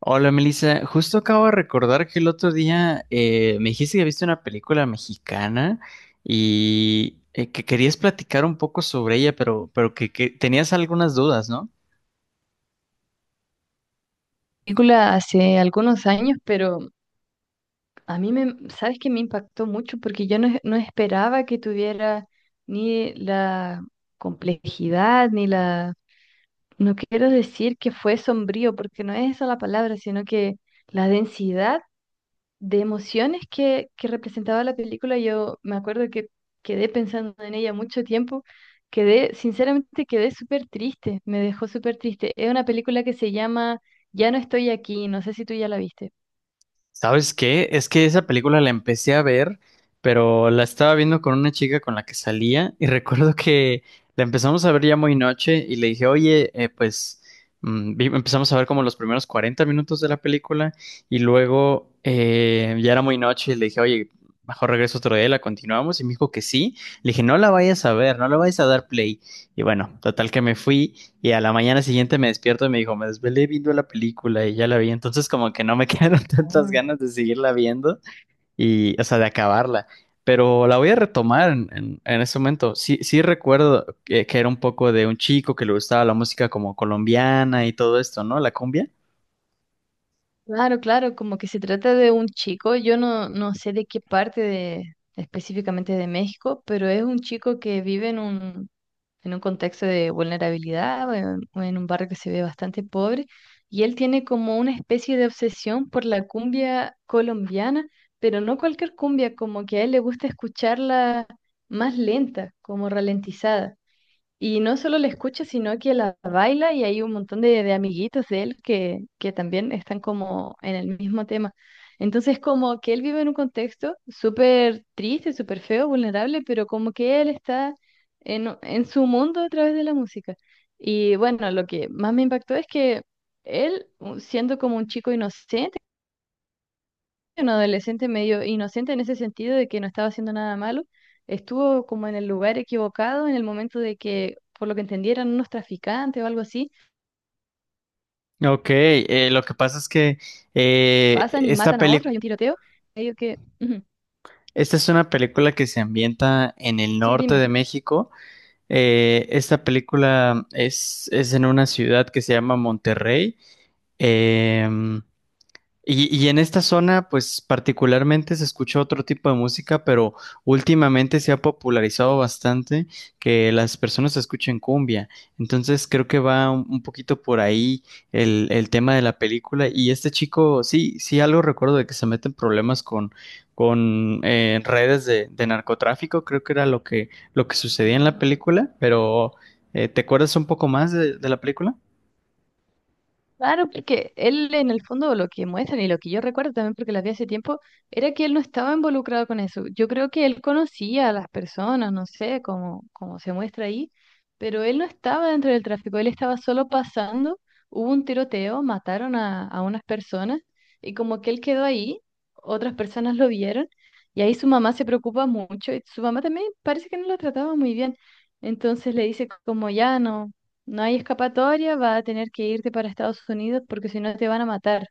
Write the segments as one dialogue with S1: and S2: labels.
S1: Hola Melissa, justo acabo de recordar que el otro día me dijiste que viste una película mexicana y que querías platicar un poco sobre ella, pero que tenías algunas dudas, ¿no?
S2: Película hace algunos años, pero a mí me, sabes que me impactó mucho porque yo no, no esperaba que tuviera ni la complejidad, ni no quiero decir que fue sombrío, porque no es esa la palabra, sino que la densidad de emociones que representaba la película. Yo me acuerdo que quedé pensando en ella mucho tiempo. Quedé, sinceramente, quedé súper triste, me dejó súper triste. Es una película que se llama Ya no estoy aquí, no sé si tú ya la viste.
S1: ¿Sabes qué? Es que esa película la empecé a ver, pero la estaba viendo con una chica con la que salía y recuerdo que la empezamos a ver ya muy noche y le dije, oye, pues empezamos a ver como los primeros 40 minutos de la película y luego ya era muy noche y le dije, oye, mejor regreso otro día, la continuamos y me dijo que sí. Le dije, no la vayas a ver, no la vayas a dar play. Y bueno, total que me fui y a la mañana siguiente me despierto y me dijo, me desvelé viendo la película y ya la vi. Entonces como que no me quedaron tantas
S2: Ah,
S1: ganas de seguirla viendo y, o sea, de acabarla. Pero la voy a retomar en ese momento. Sí, sí recuerdo que era un poco de un chico que le gustaba la música como colombiana y todo esto, ¿no? La cumbia.
S2: claro, claro, como que se trata de un chico. Yo no sé de qué parte de, específicamente de México, pero es un chico que vive en un contexto de vulnerabilidad, o en un barrio que se ve bastante pobre, y él tiene como una especie de obsesión por la cumbia colombiana, pero no cualquier cumbia, como que a él le gusta escucharla más lenta, como ralentizada. Y no solo la escucha, sino que la baila, y hay un montón de amiguitos de él que también están como en el mismo tema. Entonces como que él vive en un contexto súper triste, súper feo, vulnerable, pero como que él está en su mundo a través de la música. Y bueno, lo que más me impactó es que siendo como un chico inocente, un adolescente medio inocente en ese sentido de que no estaba haciendo nada malo, estuvo como en el lugar equivocado en el momento de que, por lo que entendieran, unos traficantes o algo así,
S1: Ok, lo que pasa es que eh,
S2: pasan y
S1: esta
S2: matan a otros,
S1: peli-
S2: hay un tiroteo, medio que... Ujú.
S1: esta es una película que se ambienta en el
S2: Sí,
S1: norte
S2: dime.
S1: de México. Esta película es en una ciudad que se llama Monterrey. Em, y, y en esta zona, pues particularmente se escucha otro tipo de música, pero últimamente se ha popularizado bastante que las personas escuchen cumbia. Entonces creo que va un poquito por ahí el tema de la película. Y este chico, sí, sí algo recuerdo de que se mete en problemas con redes de narcotráfico, creo que era lo lo que sucedía en la película, pero ¿te acuerdas un poco más de la película?
S2: Claro, porque él en el fondo lo que muestran, y lo que yo recuerdo también porque las vi hace tiempo, era que él no estaba involucrado con eso. Yo creo que él conocía a las personas, no sé, como, como se muestra ahí, pero él no estaba dentro del tráfico, él estaba solo pasando, hubo un tiroteo, mataron a unas personas y como que él quedó ahí, otras personas lo vieron, y ahí su mamá se preocupa mucho, y su mamá también parece que no lo trataba muy bien. Entonces le dice como ya no. No hay escapatoria, va a tener que irte para Estados Unidos porque si no te van a matar,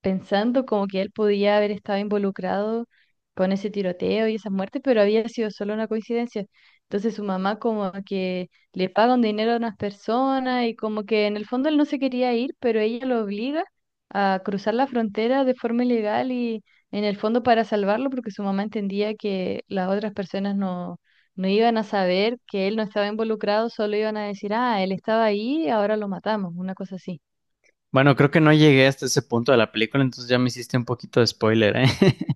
S2: pensando como que él podía haber estado involucrado con ese tiroteo y esas muertes, pero había sido solo una coincidencia. Entonces su mamá como que le paga un dinero a unas personas, y como que en el fondo él no se quería ir, pero ella lo obliga a cruzar la frontera de forma ilegal, y en el fondo para salvarlo porque su mamá entendía que las otras personas no iban a saber que él no estaba involucrado, solo iban a decir, ah, él estaba ahí, ahora lo matamos, una cosa así.
S1: Bueno, creo que no llegué hasta ese punto de la película, entonces ya me hiciste un poquito de spoiler, ¿eh?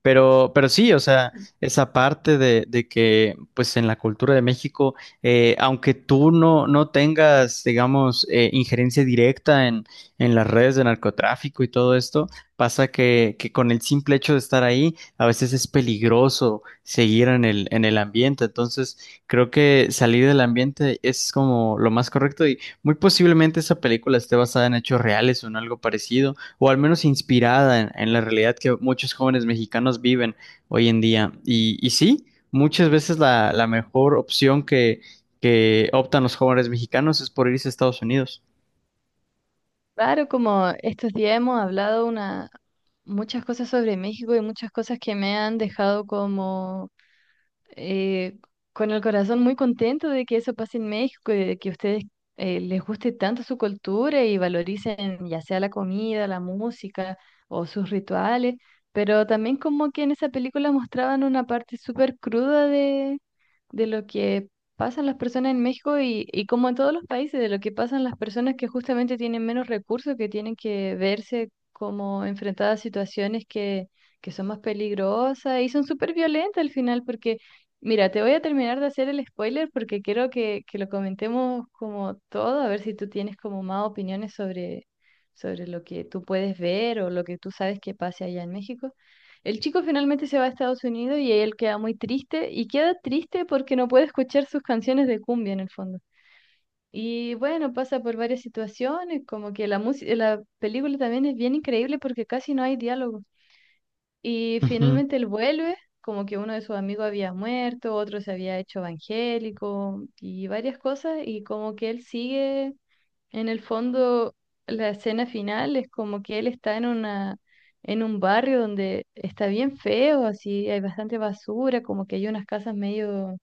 S1: Pero sí, o sea, esa parte de que, pues en la cultura de México, aunque tú no, no tengas, digamos, injerencia directa en las redes de narcotráfico y todo esto, pasa que con el simple hecho de estar ahí, a veces es peligroso seguir en en el ambiente. Entonces, creo que salir del ambiente es como lo más correcto. Muy posiblemente esa película esté basada en hechos reales o en algo parecido, o al menos inspirada en la realidad que muchos jóvenes mexicanos viven hoy en día. Y sí, muchas veces la mejor opción que optan los jóvenes mexicanos es por irse a Estados Unidos.
S2: Claro, como estos días hemos hablado muchas cosas sobre México, y muchas cosas que me han dejado como eh, con el corazón muy contento de que eso pase en México, y de que a ustedes les guste tanto su cultura y valoricen ya sea la comida, la música o sus rituales, pero también como que en esa película mostraban una parte súper cruda de lo que pasan las personas en México y como en todos los países, de lo que pasan las personas que justamente tienen menos recursos, que tienen que verse como enfrentadas a situaciones que son más peligrosas y son súper violentas al final, porque, mira, te voy a terminar de hacer el spoiler porque quiero que lo comentemos como todo, a ver si tú tienes como más opiniones sobre lo que tú puedes ver o lo que tú sabes que pase allá en México. El chico finalmente se va a Estados Unidos y él queda muy triste, y queda triste porque no puede escuchar sus canciones de cumbia en el fondo. Y bueno, pasa por varias situaciones. Como que la música, la película también es bien increíble porque casi no hay diálogo. Y
S1: Ujú.
S2: finalmente él vuelve, como que uno de sus amigos había muerto, otro se había hecho evangélico y varias cosas, y como que él sigue en el fondo. La escena final es como que él está en una, en un barrio donde está bien feo, así hay bastante basura, como que hay unas casas medio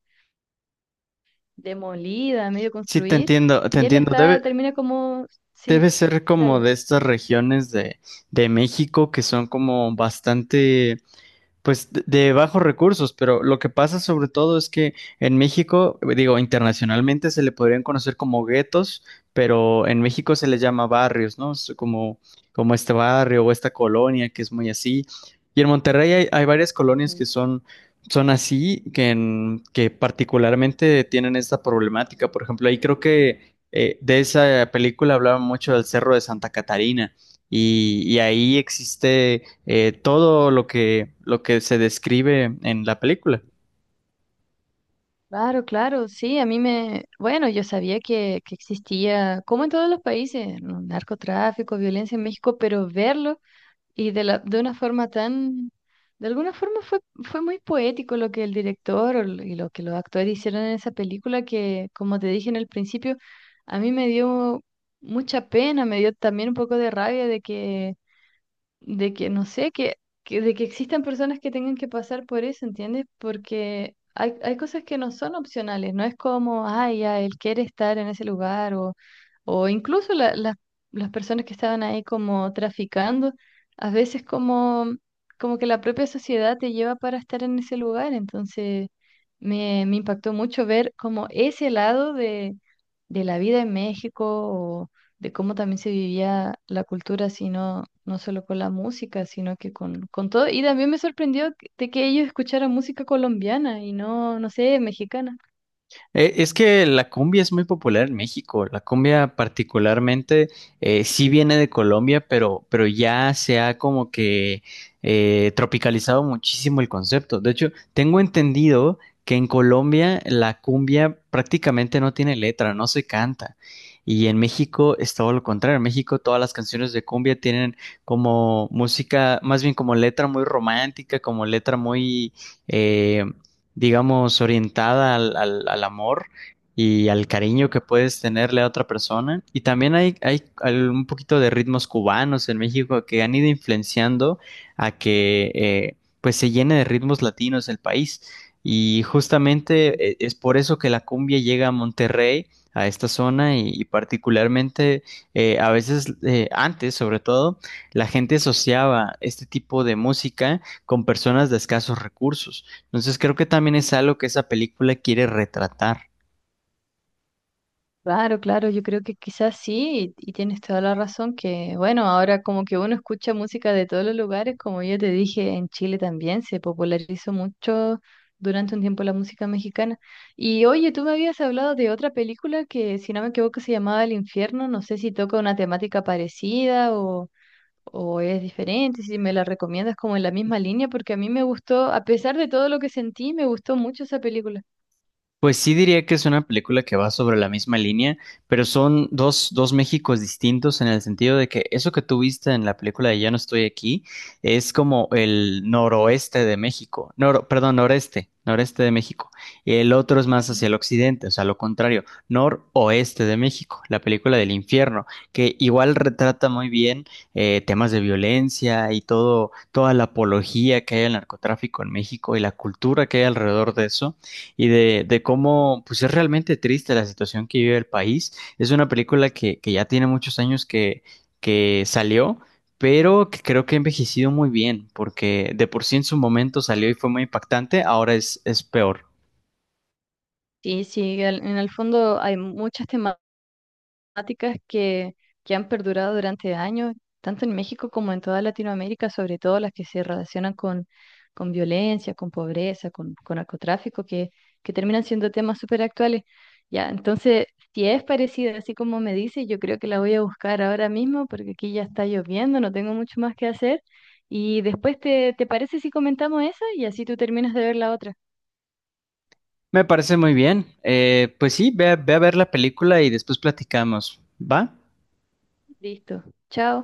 S2: demolidas, medio
S1: Sí, te
S2: construir,
S1: entiendo, te
S2: y él
S1: entiendo.
S2: está,
S1: Debe,
S2: termina como, sí,
S1: debe ser como
S2: dale.
S1: de estas regiones de México que son como bastante. Pues de bajos recursos, pero lo que pasa sobre todo es que en México, digo, internacionalmente se le podrían conocer como guetos, pero en México se les llama barrios, ¿no? Es como, como este barrio o esta colonia que es muy así. Y en Monterrey hay, hay varias colonias
S2: Ujú.
S1: que son, son así, que particularmente tienen esta problemática. Por ejemplo, ahí creo que de esa película hablaban mucho del Cerro de Santa Catarina y ahí existe todo lo lo que se describe en la película.
S2: Claro, claro, sí, a mí me, bueno, yo sabía que existía, como en todos los países, ¿no?, narcotráfico, violencia en México, pero verlo. Y de de una forma tan, de alguna forma fue muy poético lo que el director y lo que los actores hicieron en esa película que, como te dije en el principio, a mí me dio mucha pena, me dio también un poco de rabia de que no sé, de que existan personas que tengan que pasar por eso, ¿entiendes? Porque hay cosas que no son opcionales, no es como, ay, ya, él quiere estar en ese lugar o incluso las personas que estaban ahí como traficando, a veces como, como que la propia sociedad te lleva para estar en ese lugar. Entonces me impactó mucho ver como ese lado de la vida en México, de cómo también se vivía la cultura, sino no solo con la música, sino que con todo. Y también me sorprendió que- de que ellos escucharan música colombiana y no sé, mexicana.
S1: Es que la cumbia es muy popular en México. La cumbia particularmente sí viene de Colombia, pero ya se ha como que tropicalizado muchísimo el concepto. De hecho, tengo entendido que en Colombia la cumbia prácticamente no tiene letra, no se canta. Y en México es todo lo contrario. En México todas las canciones de cumbia tienen como música, más bien como letra muy romántica, como letra muy, eh, digamos, orientada al amor y al cariño que puedes tenerle a otra persona. Y también hay un poquito de ritmos cubanos en México que han ido influenciando a que pues se llene de ritmos latinos el país. Y justamente es por eso que la cumbia llega a Monterrey, a esta zona, y particularmente antes sobre todo, la gente asociaba este tipo de música con personas de escasos recursos. Entonces creo que también es algo que esa película quiere retratar.
S2: Claro, claro, yo creo que quizás sí, y tienes toda la razón, que bueno, ahora como que uno escucha música de todos los lugares, como yo te dije, en Chile también se popularizó mucho durante un tiempo la música mexicana. Y oye, tú me habías hablado de otra película que, si no me equivoco, se llamaba El Infierno. No sé si toca una temática parecida o es diferente, si me la recomiendas como en la misma línea, porque a mí me gustó, a pesar de todo lo que sentí, me gustó mucho esa película.
S1: Pues sí diría que es una película que va sobre la misma línea, pero son dos, dos Méxicos distintos en el sentido de que eso que tú viste en la película de Ya no estoy aquí es como el noroeste de México, perdón, noreste, noreste de México. Y el otro es más hacia el occidente, o sea, lo contrario, noroeste de México, la película del Infierno, que igual retrata muy bien temas de violencia y todo, toda la apología que hay al narcotráfico en México y la cultura que hay alrededor de eso y de cómo pues es realmente triste la situación que vive el país. Es una película que ya tiene muchos años que salió, pero que creo que ha envejecido muy bien, porque de por sí en su momento salió y fue muy impactante, ahora es peor.
S2: Sí, sí, en el fondo hay muchas temáticas. Temáticas que han perdurado durante años, tanto en México como en toda Latinoamérica, sobre todo las que se relacionan con violencia, con pobreza, con narcotráfico, que terminan siendo temas súper actuales. Ya, entonces, si es parecida, así como me dice, yo creo que la voy a buscar ahora mismo porque aquí ya está lloviendo, no tengo mucho más que hacer. Y después, te parece si comentamos esa? Y así tú terminas de ver la otra.
S1: Me parece muy bien. Pues sí, ve a ver la película y después platicamos. ¿Va?
S2: Listo. Chao.